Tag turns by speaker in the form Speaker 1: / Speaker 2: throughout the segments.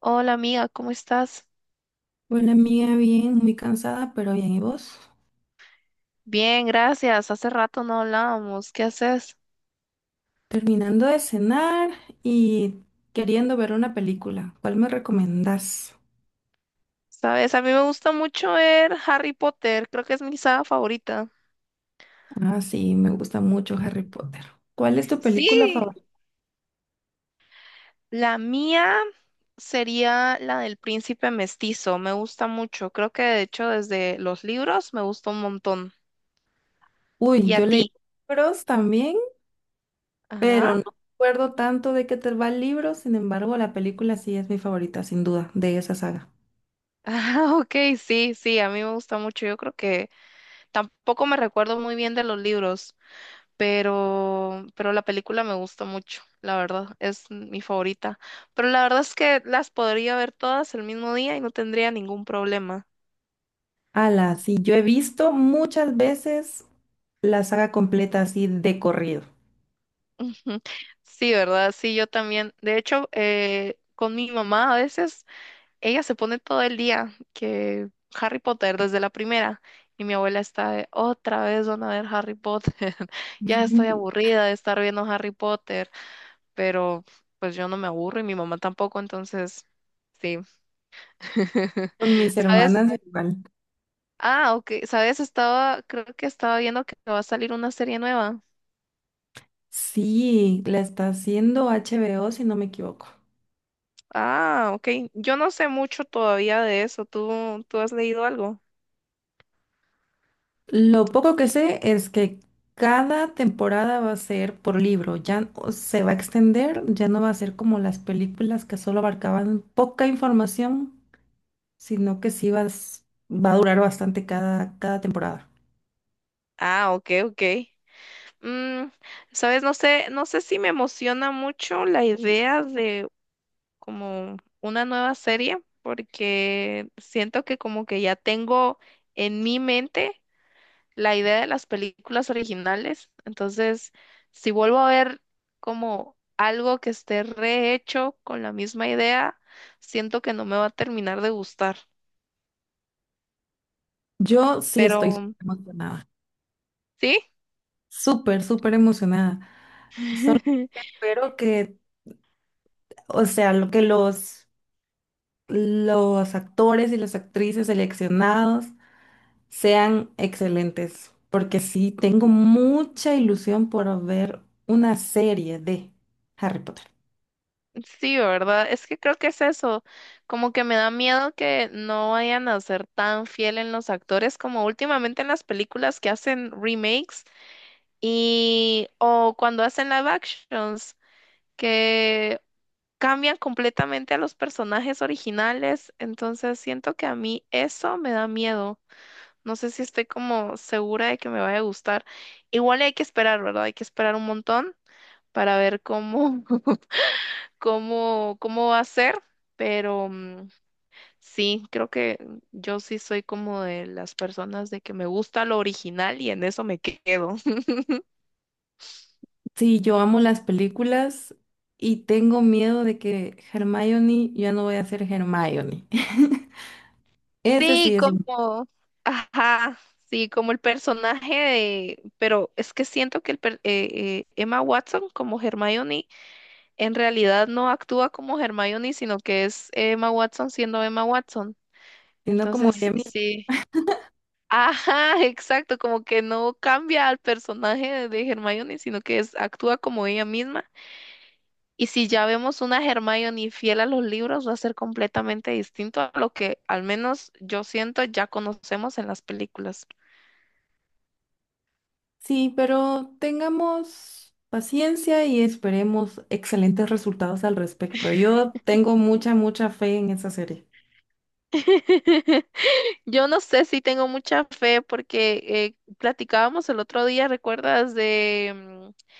Speaker 1: Hola amiga, ¿cómo estás?
Speaker 2: Bueno, amiga, bien, muy cansada, pero bien. ¿Y vos?
Speaker 1: Bien, gracias. Hace rato no hablábamos. ¿Qué haces?
Speaker 2: Terminando de cenar y queriendo ver una película. ¿Cuál me recomendás?
Speaker 1: Sabes, a mí me gusta mucho ver Harry Potter. Creo que es mi saga favorita.
Speaker 2: Ah, sí, me gusta mucho Harry Potter. ¿Cuál es tu película
Speaker 1: Sí,
Speaker 2: favorita?
Speaker 1: la mía sería la del príncipe mestizo. Me gusta mucho. Creo que de hecho desde los libros me gusta un montón.
Speaker 2: Uy,
Speaker 1: ¿Y a
Speaker 2: yo leí
Speaker 1: ti?
Speaker 2: libros también, pero
Speaker 1: Ajá.
Speaker 2: no recuerdo tanto de qué te va el libro. Sin embargo, la película sí es mi favorita, sin duda, de esa saga.
Speaker 1: Ah, ok, sí, sí, a mí me gusta mucho. Yo creo que tampoco me recuerdo muy bien de los libros, pero la película me gusta mucho, la verdad, es mi favorita. Pero la verdad es que las podría ver todas el mismo día y no tendría ningún problema.
Speaker 2: Ala, sí, yo he visto muchas veces la saga completa así de corrido.
Speaker 1: Ujú. Sí, ¿verdad? Sí, yo también. De hecho, con mi mamá a veces, ella se pone todo el día que Harry Potter desde la primera. Y mi abuela está de, otra vez van a ver Harry Potter. Ya estoy aburrida de estar viendo Harry Potter, pero pues yo no me aburro y mi mamá tampoco, entonces sí.
Speaker 2: Con mis
Speaker 1: ¿Sabes?
Speaker 2: hermanas igual.
Speaker 1: Ah, ok. ¿Sabes? Estaba, creo que estaba viendo que va a salir una serie nueva.
Speaker 2: Sí, la está haciendo HBO, si no me equivoco.
Speaker 1: Ah, ok. Yo no sé mucho todavía de eso. ¿Tú has leído algo?
Speaker 2: Lo poco que sé es que cada temporada va a ser por libro, o se va a extender, ya no va a ser como las películas que solo abarcaban poca información, sino que va a durar bastante cada temporada.
Speaker 1: Ah, ok, ok. Mm, ¿sabes? No sé, no sé si me emociona mucho la idea de como una nueva serie, porque siento que como que ya tengo en mi mente la idea de las películas originales. Entonces, si vuelvo a ver como algo que esté rehecho con la misma idea, siento que no me va a terminar de gustar.
Speaker 2: Yo sí estoy
Speaker 1: Pero
Speaker 2: súper emocionada,
Speaker 1: sí,
Speaker 2: súper, súper emocionada. Solo espero que, o sea, lo que los actores y las actrices seleccionados sean excelentes, porque sí tengo mucha ilusión por ver una serie de Harry Potter.
Speaker 1: sí, ¿verdad? Es que creo que es eso. Como que me da miedo que no vayan a ser tan fiel en los actores como últimamente en las películas que hacen remakes y o cuando hacen live actions, que cambian completamente a los personajes originales, entonces siento que a mí eso me da miedo. No sé si estoy como segura de que me vaya a gustar. Igual hay que esperar, ¿verdad? Hay que esperar un montón para ver cómo, cómo, cómo va a ser, pero mm, sí, creo que yo sí soy como de las personas de que me gusta lo original y en eso me quedo.
Speaker 2: Sí, yo amo las películas y tengo miedo de que Hermione ya no voy a ser Hermione. Ese sí
Speaker 1: Sí,
Speaker 2: es un,
Speaker 1: como, ajá, sí, como el personaje de, pero es que siento que el, Emma Watson como Hermione en realidad no actúa como Hermione, sino que es Emma Watson siendo Emma Watson.
Speaker 2: sino como
Speaker 1: Entonces,
Speaker 2: ella misma.
Speaker 1: sí, ajá, exacto, como que no cambia al personaje de, Hermione, sino que es, actúa como ella misma. Y si ya vemos una Hermione fiel a los libros, va a ser completamente distinto a lo que al menos yo siento ya conocemos en las películas.
Speaker 2: Sí, pero tengamos paciencia y esperemos excelentes resultados al respecto. Yo tengo mucha, mucha fe en esa serie.
Speaker 1: Yo no sé si tengo mucha fe porque platicábamos el otro día, ¿recuerdas de, mm,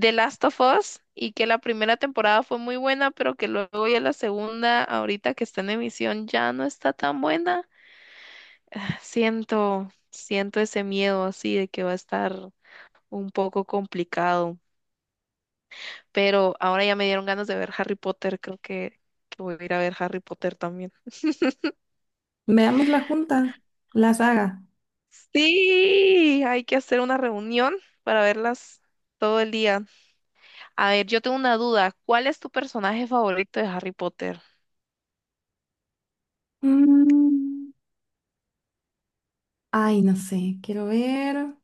Speaker 1: The Last of Us? Y que la primera temporada fue muy buena, pero que luego ya la segunda, ahorita que está en emisión, ya no está tan buena. Siento ese miedo así de que va a estar un poco complicado. Pero ahora ya me dieron ganas de ver Harry Potter, creo que voy a ir a ver Harry Potter también.
Speaker 2: Veamos la junta, la saga.
Speaker 1: Sí, hay que hacer una reunión para verlas todo el día. A ver, yo tengo una duda. ¿Cuál es tu personaje favorito de Harry Potter?
Speaker 2: Mm. Ay, no sé, quiero ver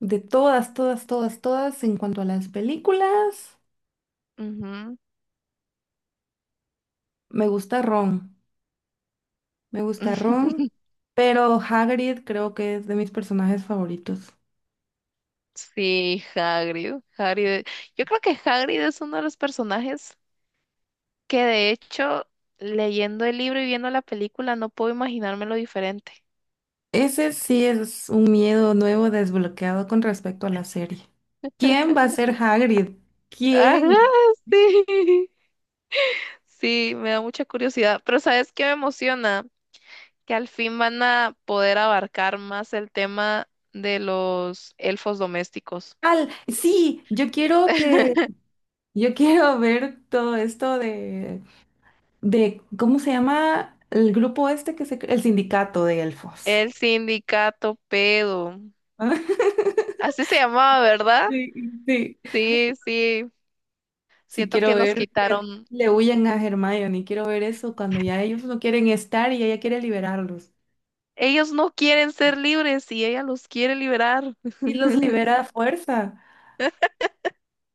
Speaker 2: de todas, todas, todas, todas en cuanto a las películas.
Speaker 1: Ujú.
Speaker 2: Me gusta Ron, me gusta Ron, pero Hagrid creo que es de mis personajes favoritos.
Speaker 1: Sí, Hagrid. Hagrid. Yo creo que Hagrid es uno de los personajes que de hecho, leyendo el libro y viendo la película, no puedo imaginármelo diferente.
Speaker 2: Ese sí es un miedo nuevo desbloqueado con respecto a la serie. ¿Quién va a ser Hagrid?
Speaker 1: Ajá,
Speaker 2: ¿Quién?
Speaker 1: sí. Sí, me da mucha curiosidad. Pero ¿sabes qué me emociona? Que al fin van a poder abarcar más el tema de los elfos domésticos.
Speaker 2: Al, sí, yo quiero que, yo quiero ver todo esto ¿cómo se llama el grupo este que se, el sindicato de elfos?
Speaker 1: El sindicato pedo. Así se llamaba, ¿verdad?
Speaker 2: Sí, sí.
Speaker 1: Sí, sí.
Speaker 2: Sí,
Speaker 1: Siento
Speaker 2: quiero
Speaker 1: que nos
Speaker 2: ver que
Speaker 1: quitaron.
Speaker 2: le huyen a Hermione, quiero ver eso cuando ya ellos no quieren estar y ella quiere liberarlos.
Speaker 1: Ellos no quieren ser libres y ella los quiere liberar.
Speaker 2: Y los libera a fuerza.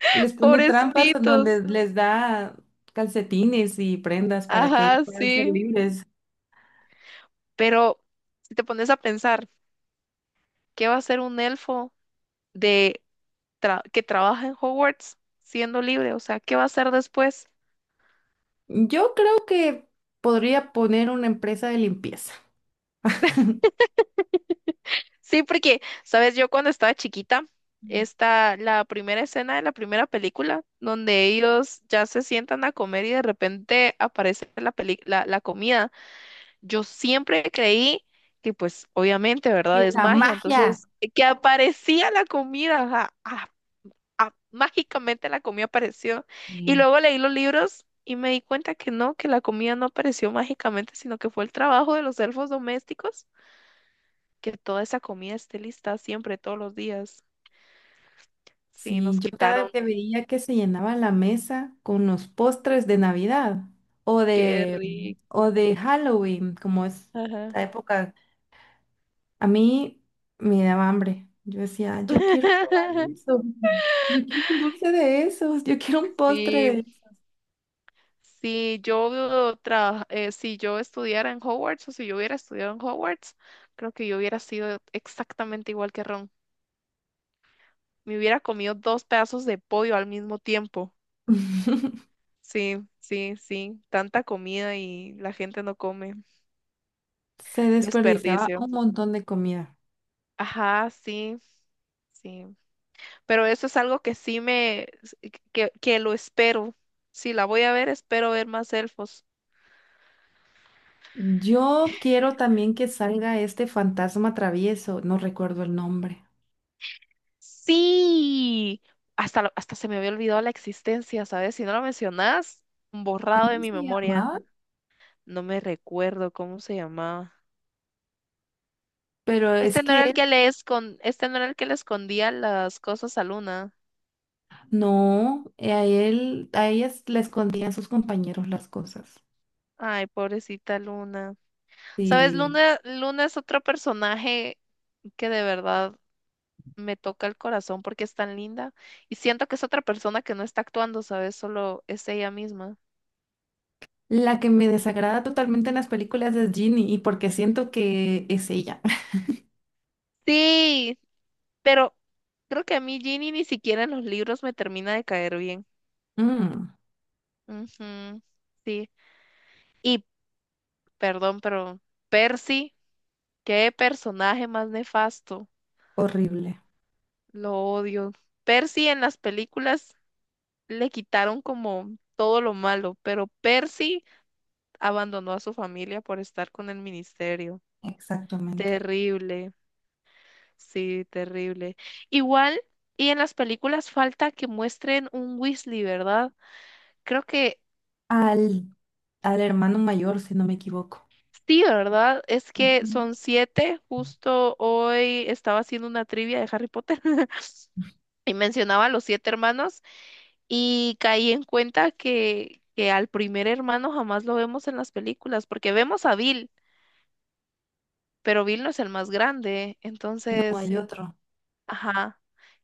Speaker 2: Les pone trampas en donde
Speaker 1: Pobrecitos.
Speaker 2: les da calcetines y prendas para que ellos
Speaker 1: Ajá,
Speaker 2: puedan ser
Speaker 1: sí.
Speaker 2: libres.
Speaker 1: Pero si te pones a pensar, ¿qué va a hacer un elfo de que trabaja en Hogwarts siendo libre? O sea, ¿qué va a hacer después?
Speaker 2: Yo creo que podría poner una empresa de limpieza.
Speaker 1: Sí, porque, sabes, yo cuando estaba chiquita, está la primera escena de la primera película, donde ellos ya se sientan a comer y de repente aparece la la comida. Yo siempre creí que, pues, obviamente, ¿verdad?
Speaker 2: ¡Que
Speaker 1: Es
Speaker 2: la
Speaker 1: magia.
Speaker 2: magia!
Speaker 1: Entonces, que aparecía la comida, ajá, ah, ah, mágicamente la comida apareció. Y luego leí los libros y me di cuenta que no, que la comida no apareció mágicamente, sino que fue el trabajo de los elfos domésticos, que toda esa comida esté lista siempre, todos los días. Sí,
Speaker 2: Sí,
Speaker 1: nos
Speaker 2: yo cada vez
Speaker 1: quitaron.
Speaker 2: que veía que se llenaba la mesa con los postres de Navidad o
Speaker 1: Qué
Speaker 2: de, o
Speaker 1: rico.
Speaker 2: de Halloween, como es
Speaker 1: Ajá.
Speaker 2: la época, a mí me daba hambre. Yo decía, "Ah, yo quiero probar eso, yo quiero un dulce de esos, yo quiero un postre de
Speaker 1: Sí,
Speaker 2: esos".
Speaker 1: si yo si yo estudiara en Hogwarts o si yo hubiera estudiado en Hogwarts, creo que yo hubiera sido exactamente igual que Ron. Me hubiera comido dos pedazos de pollo al mismo tiempo. Sí, sí, sí. Tanta comida y la gente no come.
Speaker 2: Se desperdiciaba
Speaker 1: Desperdicio.
Speaker 2: un montón de comida.
Speaker 1: Ajá, sí, sí. Pero eso es algo que sí que lo espero. Si la voy a ver, espero ver más elfos.
Speaker 2: Yo quiero también que salga este fantasma travieso, no recuerdo el nombre.
Speaker 1: Sí, hasta se me había olvidado la existencia, ¿sabes? Si no lo mencionas, borrado de
Speaker 2: ¿Cómo
Speaker 1: mi
Speaker 2: se
Speaker 1: memoria.
Speaker 2: llamaba?
Speaker 1: No me recuerdo cómo se llamaba.
Speaker 2: Pero es
Speaker 1: Este no era el
Speaker 2: que
Speaker 1: que le escon- este no era el que le escondía las cosas a Luna.
Speaker 2: no, a él, a ellas le escondían sus compañeros las cosas.
Speaker 1: Ay, pobrecita Luna. ¿Sabes?
Speaker 2: Sí.
Speaker 1: Luna es otro personaje que de verdad me toca el corazón porque es tan linda y siento que es otra persona que no está actuando, ¿sabes? Solo es ella misma.
Speaker 2: La que me desagrada totalmente en las películas es Ginny, y porque siento que es ella.
Speaker 1: Sí, pero creo que a mí Ginny ni siquiera en los libros me termina de caer bien.
Speaker 2: Mm,
Speaker 1: Ujú, sí. Y, perdón, pero Percy, qué personaje más nefasto.
Speaker 2: horrible.
Speaker 1: Lo odio. Percy en las películas le quitaron como todo lo malo, pero Percy abandonó a su familia por estar con el ministerio.
Speaker 2: Exactamente.
Speaker 1: Terrible. Sí, terrible. Igual, y en las películas falta que muestren un Weasley, ¿verdad? Creo que
Speaker 2: Al, al hermano mayor, si no me equivoco.
Speaker 1: sí, ¿verdad? Es que
Speaker 2: Ujú.
Speaker 1: son siete. Justo hoy estaba haciendo una trivia de Harry Potter y mencionaba a los siete hermanos y caí en cuenta que al primer hermano jamás lo vemos en las películas, porque vemos a Bill, pero Bill no es el más grande.
Speaker 2: No
Speaker 1: Entonces,
Speaker 2: hay otro,
Speaker 1: ajá,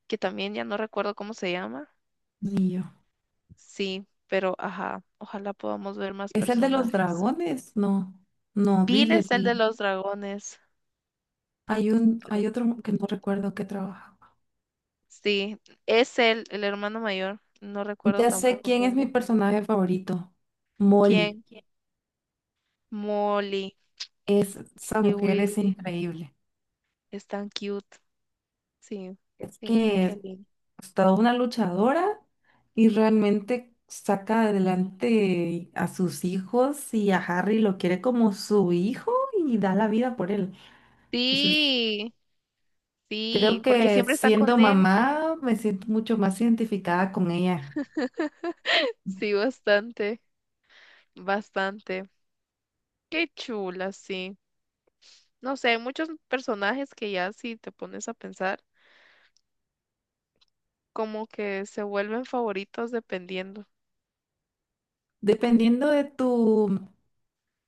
Speaker 1: que también ya no recuerdo cómo se llama.
Speaker 2: ni yo.
Speaker 1: Sí, pero ajá, ojalá podamos ver más
Speaker 2: ¿Es el de los
Speaker 1: personajes.
Speaker 2: dragones? No, no,
Speaker 1: Bill es el
Speaker 2: Billy.
Speaker 1: de los dragones,
Speaker 2: Hay un,
Speaker 1: creo.
Speaker 2: hay otro que no recuerdo que trabajaba.
Speaker 1: Sí, es el hermano mayor. No recuerdo
Speaker 2: Ya sé
Speaker 1: tampoco
Speaker 2: quién
Speaker 1: el
Speaker 2: es mi
Speaker 1: otro.
Speaker 2: personaje favorito. Molly.
Speaker 1: ¿Quién? Molly
Speaker 2: Es, esa
Speaker 1: y
Speaker 2: mujer es
Speaker 1: Weasley.
Speaker 2: increíble.
Speaker 1: Es tan cute. Sí,
Speaker 2: Es
Speaker 1: sí,
Speaker 2: que
Speaker 1: qué
Speaker 2: es,
Speaker 1: lindo.
Speaker 2: pues, toda una luchadora y realmente saca adelante a sus hijos y a Harry lo quiere como su hijo y da la vida por él. Entonces,
Speaker 1: Sí,
Speaker 2: creo
Speaker 1: sí, porque
Speaker 2: que
Speaker 1: siempre están
Speaker 2: siendo
Speaker 1: con él.
Speaker 2: mamá me siento mucho más identificada con ella.
Speaker 1: Sí, bastante, bastante. Qué chula, sí. No sé, hay muchos personajes que ya si te pones a pensar, como que se vuelven favoritos dependiendo.
Speaker 2: Dependiendo de tu,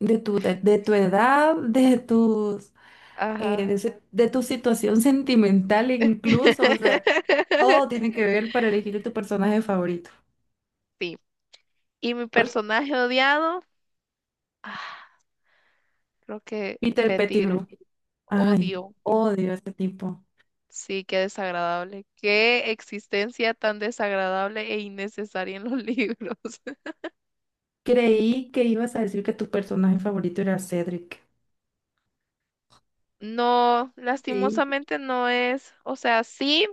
Speaker 2: de tu, de, de tu edad, de tus
Speaker 1: Ajá.
Speaker 2: de, ese- de tu situación sentimental incluso, o sea, todo tiene que ver para elegir tu personaje favorito.
Speaker 1: Sí. Y mi
Speaker 2: Por ejemplo,
Speaker 1: personaje odiado, ah, creo que
Speaker 2: Peter Pettigrew.
Speaker 1: Pettigrew.
Speaker 2: Ay,
Speaker 1: Odio.
Speaker 2: odio a ese tipo.
Speaker 1: Sí, qué desagradable. Qué existencia tan desagradable e innecesaria en los libros.
Speaker 2: Creí que ibas a decir que tu personaje favorito era Cedric.
Speaker 1: No,
Speaker 2: Sí.
Speaker 1: lastimosamente no es. O sea, sí,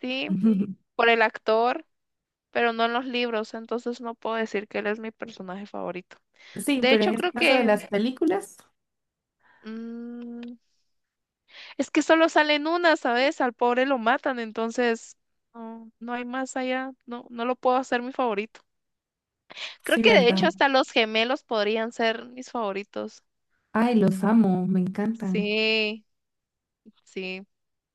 Speaker 1: sí, por el actor, pero no en los libros. Entonces no puedo decir que él es mi personaje favorito.
Speaker 2: Sí,
Speaker 1: De
Speaker 2: pero en
Speaker 1: hecho,
Speaker 2: este
Speaker 1: creo
Speaker 2: caso de
Speaker 1: que
Speaker 2: las películas,
Speaker 1: mm, es que solo salen una, ¿sabes? Al pobre lo matan, entonces no, no hay más allá. No, no lo puedo hacer mi favorito. Creo
Speaker 2: sí,
Speaker 1: que de hecho
Speaker 2: ¿verdad?
Speaker 1: hasta los gemelos podrían ser mis favoritos.
Speaker 2: Ay, los amo, me encantan.
Speaker 1: Sí, sí.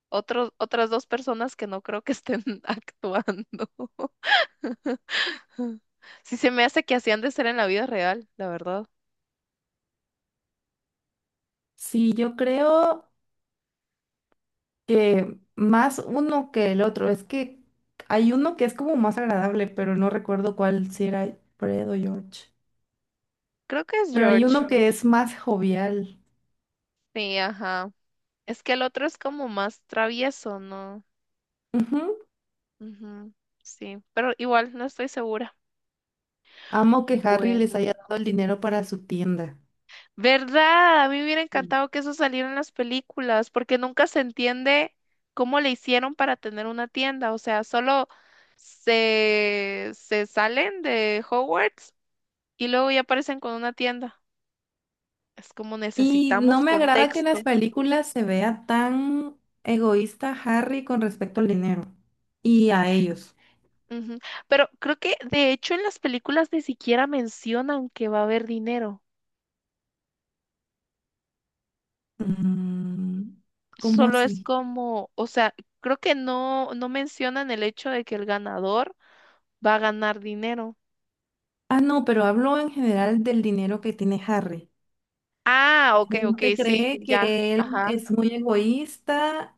Speaker 1: Otros, otras dos personas que no creo que estén actuando. Sí, se me hace que hacían de ser en la vida real, la verdad.
Speaker 2: Sí, yo creo que más uno que el otro. Es que hay uno que es como más agradable, pero no recuerdo cuál, si era Fred o George.
Speaker 1: Creo que es
Speaker 2: Pero hay
Speaker 1: George.
Speaker 2: uno que es más jovial.
Speaker 1: Sí, ajá. Es que el otro es como más travieso, ¿no?
Speaker 2: Ujú.
Speaker 1: Ujú, sí, pero igual no estoy segura.
Speaker 2: Amo que Harry
Speaker 1: Bueno.
Speaker 2: les haya dado el dinero para su tienda.
Speaker 1: ¿Verdad? A mí me hubiera encantado que eso saliera en las películas, porque nunca se entiende cómo le hicieron para tener una tienda. O sea, solo se salen de Hogwarts y luego ya aparecen con una tienda. Es como
Speaker 2: Y no
Speaker 1: necesitamos
Speaker 2: me agrada que en las
Speaker 1: contexto.
Speaker 2: películas se vea tan egoísta Harry con respecto al dinero y a ellos.
Speaker 1: Ujú. Pero creo que de hecho en las películas ni siquiera mencionan que va a haber dinero.
Speaker 2: Mm, ¿cómo
Speaker 1: Solo es
Speaker 2: así?
Speaker 1: como, o sea, creo que no, no mencionan el hecho de que el ganador va a ganar dinero.
Speaker 2: Ah, no, pero hablo en general del dinero que tiene Harry.
Speaker 1: Ah,
Speaker 2: La
Speaker 1: ok, ok,
Speaker 2: gente
Speaker 1: sí,
Speaker 2: cree
Speaker 1: ya.
Speaker 2: que él
Speaker 1: Ajá.
Speaker 2: es muy egoísta,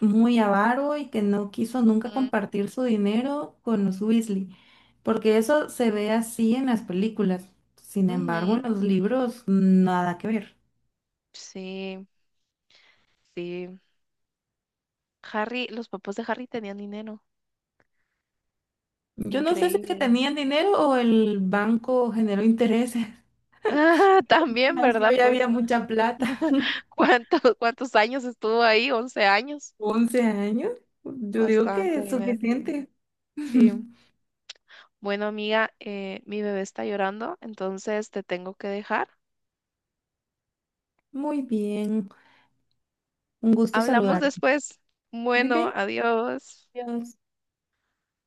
Speaker 2: muy avaro y que no quiso nunca
Speaker 1: Ujú,
Speaker 2: compartir su dinero con los Weasley, porque eso se ve así en las películas. Sin embargo,
Speaker 1: ujú.
Speaker 2: en los libros nada que ver.
Speaker 1: Sí, sí. Harry, los papás de Harry tenían dinero.
Speaker 2: Yo no sé si es que
Speaker 1: Increíble.
Speaker 2: tenían dinero o el banco generó intereses.
Speaker 1: también,
Speaker 2: Así
Speaker 1: ¿verdad?
Speaker 2: ya había
Speaker 1: Pues,
Speaker 2: mucha plata.
Speaker 1: ¿cuántos, cuántos años estuvo ahí? 11 años.
Speaker 2: 11 años, yo digo que
Speaker 1: Bastante
Speaker 2: es
Speaker 1: dinero.
Speaker 2: suficiente.
Speaker 1: Sí. Bueno, amiga, mi bebé está llorando, entonces te tengo que dejar.
Speaker 2: Muy bien, un gusto
Speaker 1: Hablamos
Speaker 2: saludarte.
Speaker 1: después.
Speaker 2: Muy
Speaker 1: Bueno,
Speaker 2: bien,
Speaker 1: adiós.
Speaker 2: adiós.